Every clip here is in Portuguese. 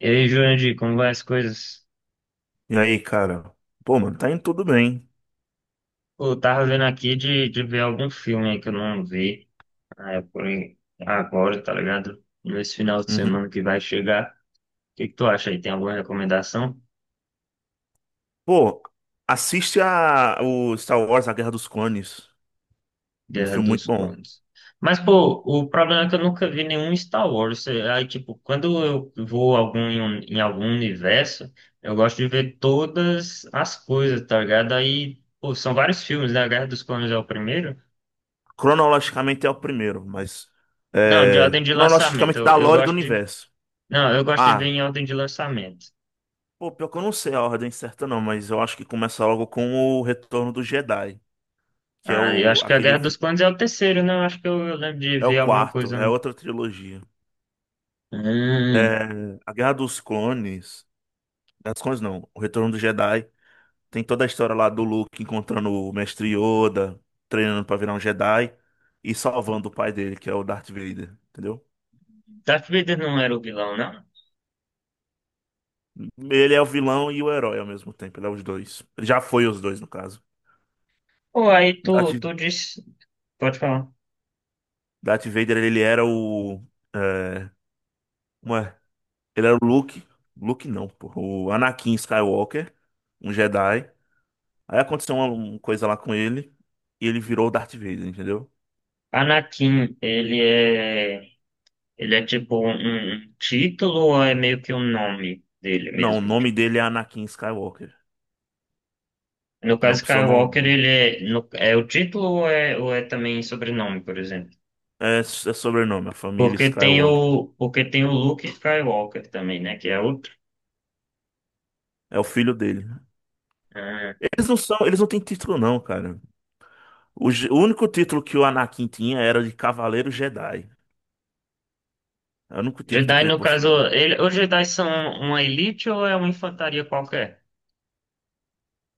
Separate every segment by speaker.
Speaker 1: E aí, Jurandir, como vai as coisas?
Speaker 2: E aí, cara? Pô, mano, tá indo tudo bem.
Speaker 1: Pô, eu tava vendo aqui de ver algum filme aí que eu não vi. Ah, é por aí, agora, tá ligado? Nesse final de
Speaker 2: Uhum.
Speaker 1: semana que vai chegar. O que que tu acha aí? Tem alguma recomendação?
Speaker 2: Pô, assiste a, o Star Wars, A Guerra dos Clones. Um
Speaker 1: Guerra
Speaker 2: filme muito
Speaker 1: dos
Speaker 2: bom.
Speaker 1: Clones. Mas, pô, o problema é que eu nunca vi nenhum Star Wars. Aí, tipo, quando eu vou algum, em algum universo, eu gosto de ver todas as coisas, tá ligado? Aí, pô, são vários filmes, né? A Guerra dos Clones é o primeiro.
Speaker 2: Cronologicamente é o primeiro, mas.
Speaker 1: Não, de
Speaker 2: É,
Speaker 1: ordem de lançamento.
Speaker 2: cronologicamente
Speaker 1: Eu,
Speaker 2: da
Speaker 1: eu
Speaker 2: lore do
Speaker 1: gosto de.
Speaker 2: universo.
Speaker 1: Não, eu gosto de ver
Speaker 2: Ah,
Speaker 1: em ordem de lançamento.
Speaker 2: pô, pior que eu não sei a ordem certa, não, mas eu acho que começa logo com o Retorno do Jedi, que é
Speaker 1: Ah, eu
Speaker 2: o
Speaker 1: acho que a
Speaker 2: aquele.
Speaker 1: Guerra dos Clones é o terceiro, né? Eu acho que eu lembro de
Speaker 2: É o
Speaker 1: ver alguma
Speaker 2: quarto,
Speaker 1: coisa.
Speaker 2: é outra trilogia.
Speaker 1: Hum.
Speaker 2: É, a Guerra dos Clones. Guerra dos Clones não, o Retorno do Jedi. Tem toda a história lá do Luke encontrando o Mestre Yoda, treinando pra virar um Jedi e salvando o pai dele, que é o Darth Vader, entendeu?
Speaker 1: Darth Vader não era o vilão, não?
Speaker 2: Ele é o vilão e o herói ao mesmo tempo, ele é os dois. Ele já foi os dois, no caso.
Speaker 1: Pô, aí tu,
Speaker 2: Darth,
Speaker 1: tu disse. Pode falar.
Speaker 2: Darth Vader, ele era o. É, como é? Ele era o Luke. Luke não, pô. O Anakin Skywalker, um Jedi. Aí aconteceu uma coisa lá com ele e ele virou o Darth Vader, entendeu?
Speaker 1: Anakin, ele é. Ele é tipo um título ou é meio que o nome dele
Speaker 2: Não, o
Speaker 1: mesmo?
Speaker 2: nome
Speaker 1: Tipo,
Speaker 2: dele é Anakin Skywalker.
Speaker 1: no
Speaker 2: Ele é uma
Speaker 1: caso
Speaker 2: pessoa
Speaker 1: Skywalker,
Speaker 2: normal.
Speaker 1: ele é, no- é o título ou é também sobrenome, por exemplo?
Speaker 2: É sobrenome, a família
Speaker 1: Porque tem
Speaker 2: Skywalker.
Speaker 1: o Luke Skywalker também, né? Que é outro.
Speaker 2: É o filho dele.
Speaker 1: Ah.
Speaker 2: Eles não são, eles não têm título não, cara. O, o único título que o Anakin tinha era de Cavaleiro Jedi. É o único título
Speaker 1: Jedi,
Speaker 2: que ele
Speaker 1: no caso,
Speaker 2: possui.
Speaker 1: ele, os Jedi são uma elite ou é uma infantaria qualquer?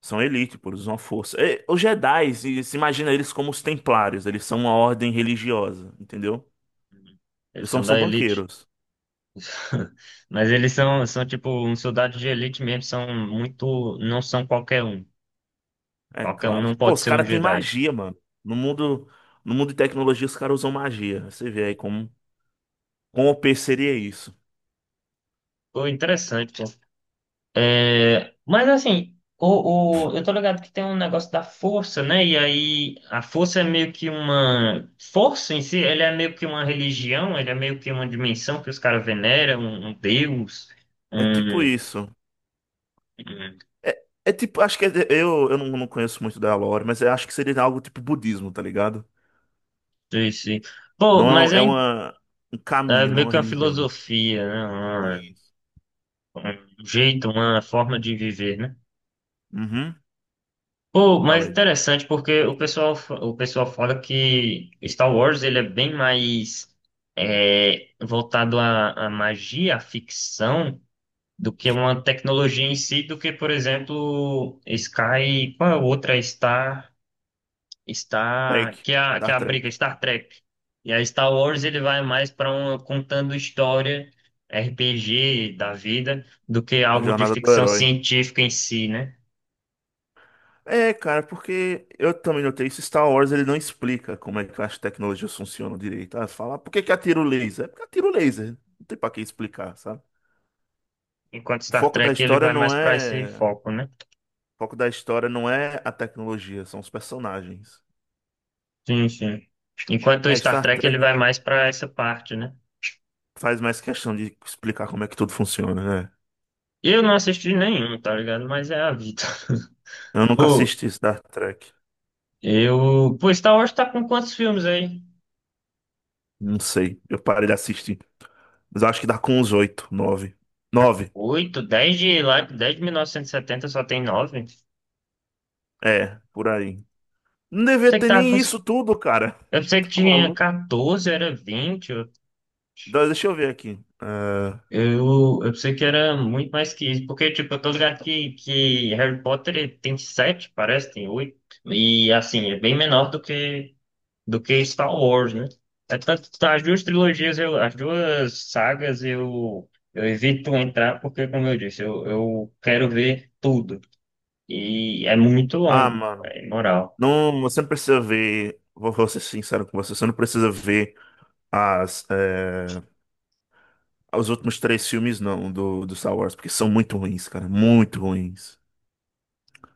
Speaker 2: São elite, pô, eles usam a força. É, os Jedi, se imagina eles como os Templários, eles são uma ordem religiosa, entendeu?
Speaker 1: Eles
Speaker 2: Eles são,
Speaker 1: são
Speaker 2: são
Speaker 1: da elite.
Speaker 2: banqueiros.
Speaker 1: Mas eles são, são tipo um soldado de elite mesmo, são muito, não são qualquer um.
Speaker 2: É
Speaker 1: Qualquer um
Speaker 2: claro.
Speaker 1: não
Speaker 2: Pô,
Speaker 1: pode
Speaker 2: os
Speaker 1: ser um
Speaker 2: caras têm
Speaker 1: Jedi.
Speaker 2: magia, mano. No mundo, no mundo de tecnologia, os caras usam magia. Você vê aí como, como o P seria isso.
Speaker 1: Pô, interessante, pô. É, mas assim, eu tô ligado que tem um negócio da força, né? E aí a força é meio que uma. Força em si, ele é meio que uma religião, ele é meio que uma dimensão que os caras veneram, um deus.
Speaker 2: É tipo
Speaker 1: um
Speaker 2: isso.
Speaker 1: um
Speaker 2: É, é tipo, acho que é, eu não conheço muito da lore, mas eu acho que seria algo tipo budismo, tá ligado?
Speaker 1: Sim, sim. Pô, mas
Speaker 2: Não é, é uma, um
Speaker 1: é
Speaker 2: caminho, não é
Speaker 1: meio
Speaker 2: uma
Speaker 1: que uma
Speaker 2: religião.
Speaker 1: filosofia, né?
Speaker 2: Isso.
Speaker 1: Uma- Um jeito, uma forma de viver, né?
Speaker 2: Uhum.
Speaker 1: Pô,
Speaker 2: Fala
Speaker 1: mas
Speaker 2: aí.
Speaker 1: interessante porque o pessoal fala que Star Wars ele é bem mais voltado à magia, à ficção, do que uma tecnologia em si, do que, por exemplo, Sky, qual é a outra? Star. Star,
Speaker 2: Trek.
Speaker 1: que que é
Speaker 2: Star
Speaker 1: a
Speaker 2: Trek.
Speaker 1: briga Star Trek. E a Star Wars ele vai mais para um contando história RPG da vida do que
Speaker 2: A
Speaker 1: algo de
Speaker 2: jornada do
Speaker 1: ficção
Speaker 2: herói.
Speaker 1: científica em si, né?
Speaker 2: É, cara, porque eu também notei isso. Star Wars ele não explica como é que as tecnologias funcionam direito. Ah, fala, "Ah, por que que atira o laser? É porque atira o laser. Não tem pra que explicar, sabe?
Speaker 1: Enquanto
Speaker 2: O
Speaker 1: Star
Speaker 2: foco da
Speaker 1: Trek ele
Speaker 2: história
Speaker 1: vai
Speaker 2: não
Speaker 1: mais para esse
Speaker 2: é. O
Speaker 1: foco, né?
Speaker 2: foco da história não é a tecnologia, são os personagens.
Speaker 1: Sim, sim. Enquanto o
Speaker 2: É,
Speaker 1: Star
Speaker 2: Star
Speaker 1: Trek ele
Speaker 2: Trek
Speaker 1: vai mais para essa parte, né?
Speaker 2: faz mais questão de explicar como é que tudo funciona, né?
Speaker 1: Eu não assisti nenhum, tá ligado? Mas é a vida.
Speaker 2: Eu nunca
Speaker 1: Pô,
Speaker 2: assisti Star Trek.
Speaker 1: eu. Pô, Star Wars tá com quantos filmes aí?
Speaker 2: Não sei. Eu parei de assistir. Mas eu acho que dá com uns oito, nove. Nove.
Speaker 1: Oito, dez de lá, dez de 1970 só tem nove.
Speaker 2: É, por aí. Não devia
Speaker 1: Você que
Speaker 2: ter
Speaker 1: tava com.
Speaker 2: nem isso tudo, cara.
Speaker 1: Eu pensei que
Speaker 2: Tá
Speaker 1: tinha
Speaker 2: maluco?
Speaker 1: 14, era 20. Eu,
Speaker 2: Então, deixa eu ver aqui.
Speaker 1: eu, eu pensei que era muito mais que isso. Porque, tipo, eu tô ligado que Harry Potter tem 7, parece, tem oito. E, assim, é bem menor do que Star Wars, né? É tanto, tá, as duas trilogias, eu, as duas sagas, eu evito entrar porque, como eu disse, eu quero ver tudo. E é muito
Speaker 2: Ah,
Speaker 1: longo,
Speaker 2: mano.
Speaker 1: é imoral.
Speaker 2: Não, você não precisa ver. Vou ser sincero com você. Você não precisa ver as, é, os últimos três filmes, não, do Star Wars, porque são muito ruins, cara. Muito ruins.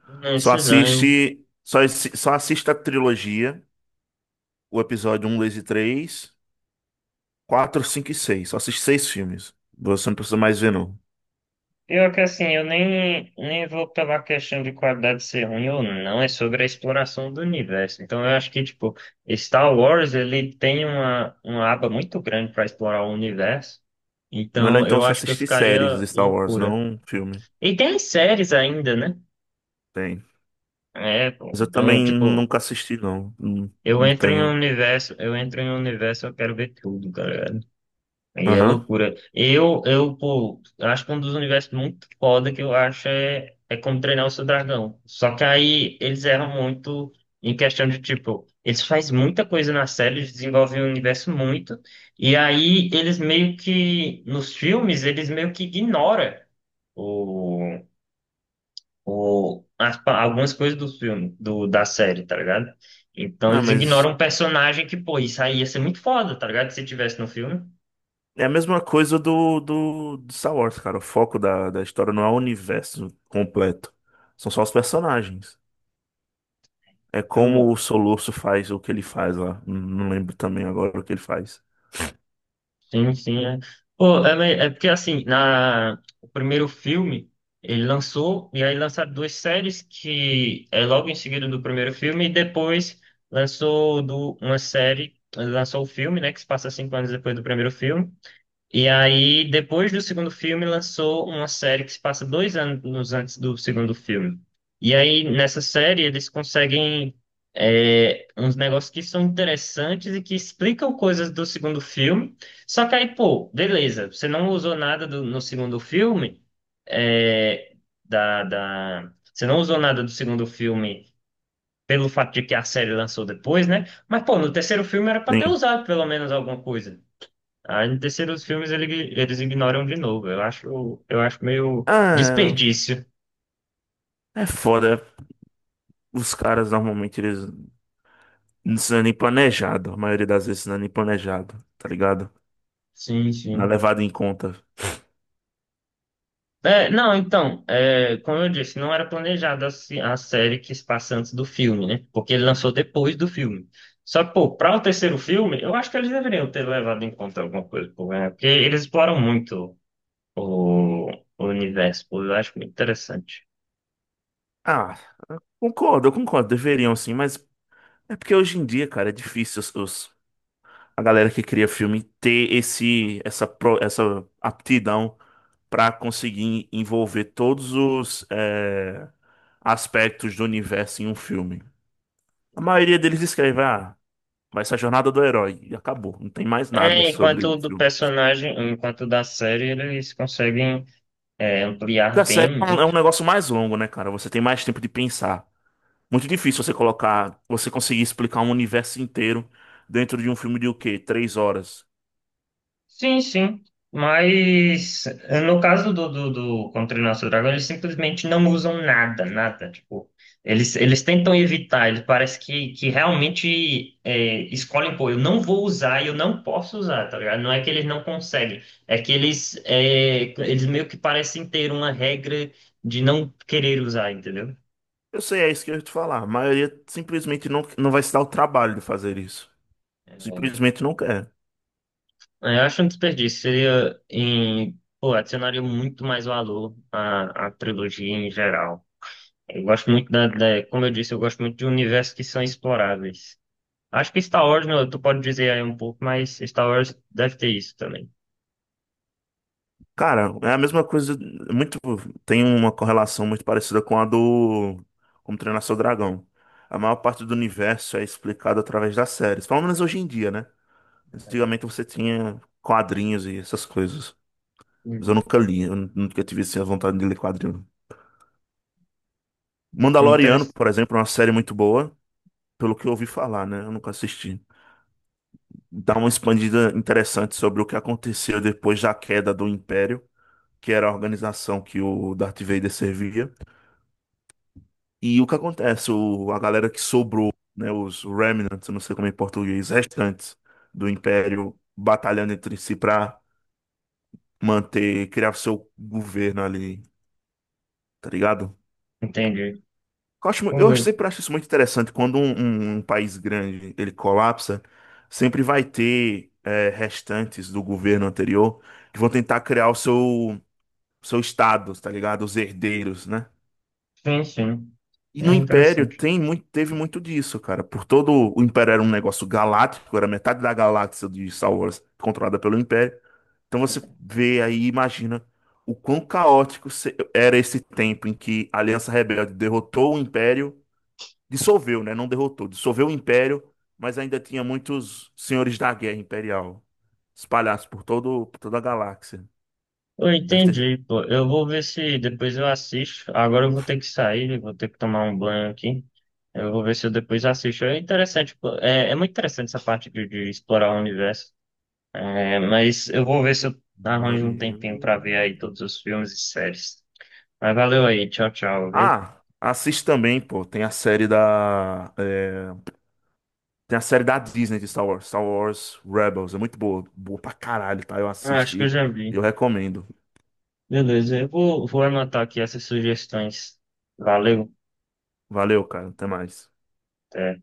Speaker 1: Não sei lá, eu.
Speaker 2: Só assista a trilogia, o episódio um, 2 e 3, 4, 5 e 6. Só assiste seis filmes. Você não precisa mais ver, não.
Speaker 1: Pior que assim, eu nem vou pela questão de qualidade ser ruim ou não, é sobre a exploração do universo. Então eu acho que, tipo, Star Wars, ele tem uma aba muito grande para explorar o universo.
Speaker 2: Melhor
Speaker 1: Então
Speaker 2: então
Speaker 1: eu
Speaker 2: você
Speaker 1: acho que eu
Speaker 2: assistir
Speaker 1: ficaria
Speaker 2: séries de Star Wars, não
Speaker 1: loucura.
Speaker 2: um filme.
Speaker 1: E tem as séries ainda, né?
Speaker 2: Tem.
Speaker 1: É, pô,
Speaker 2: Mas eu
Speaker 1: então,
Speaker 2: também
Speaker 1: tipo,
Speaker 2: nunca assisti, não. Não, não tenho.
Speaker 1: eu entro em um universo, eu quero ver tudo, cara. E é
Speaker 2: Aham.
Speaker 1: loucura. Eu acho que um dos universos muito foda que eu acho é como treinar o seu dragão. Só que aí eles erram muito em questão de, tipo, eles fazem muita coisa na série, eles desenvolvem o universo muito, e aí eles meio que, nos filmes, eles meio que ignoram o, algumas coisas do filme, da série, tá ligado? Então
Speaker 2: Não,
Speaker 1: eles
Speaker 2: mas
Speaker 1: ignoram um personagem que, pô, isso aí ia ser muito foda, tá ligado? Se tivesse no filme.
Speaker 2: é a mesma coisa do Star Wars, cara. O foco da história não é o universo completo. São só os personagens. É como o Soluço faz o que ele faz lá. Não lembro também agora o que ele faz.
Speaker 1: Sim, sim, é. É porque assim, na, o primeiro filme, ele lançou, e aí lançaram duas séries que é logo em seguida do primeiro filme, e depois uma série, lançou o filme, né, que se passa 5 anos depois do primeiro filme, e aí, depois do segundo filme, lançou uma série que se passa 2 anos antes do segundo filme. E aí, nessa série, eles conseguem uns negócios que são interessantes e que explicam coisas do segundo filme. Só que aí, pô, beleza, você não usou nada do- no segundo filme, é, você não usou nada do segundo filme pelo fato de que a série lançou depois, né? Mas, pô, no terceiro filme era pra ter
Speaker 2: Sim.
Speaker 1: usado pelo menos alguma coisa. Aí no terceiro eles ignoram de novo. Eu acho meio
Speaker 2: Ah,
Speaker 1: desperdício.
Speaker 2: é foda. Os caras normalmente eles não é nem planejado. A maioria das vezes não é nem planejado, tá ligado?
Speaker 1: Sim,
Speaker 2: Não é
Speaker 1: sim.
Speaker 2: levado em conta.
Speaker 1: É, não, então, é, como eu disse, não era planejada a série que se passa antes do filme, né? Porque ele lançou depois do filme. Só que, pô, para o terceiro filme, eu acho que eles deveriam ter levado em conta alguma coisa, pô, né? Porque eles exploram muito o, o universo, pô, eu acho muito interessante.
Speaker 2: Ah, concordo, eu concordo. Deveriam sim, mas é porque hoje em dia, cara, é difícil a galera que cria filme ter essa aptidão pra conseguir envolver todos os aspectos do universo em um filme. A maioria deles escreve, ah. Vai ser a jornada do herói. E acabou. Não tem mais nada
Speaker 1: É,
Speaker 2: sobre
Speaker 1: enquanto o
Speaker 2: o
Speaker 1: do
Speaker 2: filme.
Speaker 1: personagem, enquanto o da série, eles conseguem
Speaker 2: Porque a
Speaker 1: ampliar bem,
Speaker 2: série é
Speaker 1: né?
Speaker 2: um negócio mais longo, né, cara? Você tem mais tempo de pensar. Muito difícil você colocar, você conseguir explicar um universo inteiro dentro de um filme de o quê? Três horas.
Speaker 1: Sim, sim. Mas no caso do Contra o Nosso Dragão, eles simplesmente não usam nada, nada. Tipo, eles tentam evitar, eles parece que realmente escolhem, pô, eu não vou usar e eu não posso usar, tá ligado? Não é que eles não conseguem, é que eles, eles meio que parecem ter uma regra de não querer usar, entendeu?
Speaker 2: Eu sei, é isso que eu ia te falar. A maioria simplesmente não, não vai se dar o trabalho de fazer isso. Simplesmente não quer.
Speaker 1: É, eu acho um desperdício. Seria em, pô, adicionaria muito mais valor à trilogia em geral. Eu gosto muito como eu disse, eu gosto muito de universos que são exploráveis. Acho que Star Wars, né, tu pode dizer aí um pouco, mas Star Wars deve ter isso também.
Speaker 2: Cara, é a mesma coisa. Muito, tem uma correlação muito parecida com a do Como Treinar Seu Dragão. A maior parte do universo é explicado através das séries. Pelo menos hoje em dia, né? Antigamente você tinha quadrinhos e essas coisas. Mas eu
Speaker 1: Uhum.
Speaker 2: nunca li, nunca tive assim, a vontade de ler quadrinho. Mandaloriano,
Speaker 1: Interessante.
Speaker 2: por exemplo, é uma série muito boa, pelo que eu ouvi falar, né? Eu nunca assisti. Dá uma expandida interessante sobre o que aconteceu depois da queda do Império, que era a organização que o Darth Vader servia. E o que acontece, o, a galera que sobrou, né? Os Remnants, eu não sei como é em português, restantes do Império, batalhando entre si pra manter, criar seu governo ali, tá ligado?
Speaker 1: Entendi.
Speaker 2: Eu
Speaker 1: Oi.
Speaker 2: sempre acho isso muito interessante quando um país grande ele colapsa, sempre vai ter é, restantes do governo anterior que vão tentar criar o seu seu estado, tá ligado? Os herdeiros, né?
Speaker 1: Sim, sim.
Speaker 2: E no
Speaker 1: É
Speaker 2: Império
Speaker 1: interessante.
Speaker 2: tem muito, teve muito disso, cara. Por todo o Império era um negócio galáctico, era metade da galáxia de Star Wars controlada pelo Império. Então você vê aí, e imagina o quão caótico era esse tempo em que a Aliança Rebelde derrotou o Império dissolveu, né? Não derrotou, dissolveu o império, mas ainda tinha muitos senhores da guerra imperial espalhados por toda a galáxia.
Speaker 1: Eu
Speaker 2: Deve ter.
Speaker 1: entendi, pô. Eu vou ver se depois eu assisto. Agora eu vou ter que sair, vou ter que tomar um banho aqui. Eu vou ver se eu depois assisto. É interessante, pô. É, é muito interessante essa parte de explorar o universo. É, mas eu vou ver se eu arranjo um
Speaker 2: Mandaloriano.
Speaker 1: tempinho pra ver aí todos os filmes e séries. Mas valeu aí, tchau, tchau, viu?
Speaker 2: Ah, assiste também, pô. Tem a série da Disney de Star Wars, Star Wars Rebels. É muito boa. Boa pra caralho, tá? Eu
Speaker 1: Ah, acho que eu
Speaker 2: assisti.
Speaker 1: já vi.
Speaker 2: Eu recomendo.
Speaker 1: Beleza, vou anotar aqui essas sugestões. Valeu.
Speaker 2: Valeu, cara. Até mais.
Speaker 1: Até.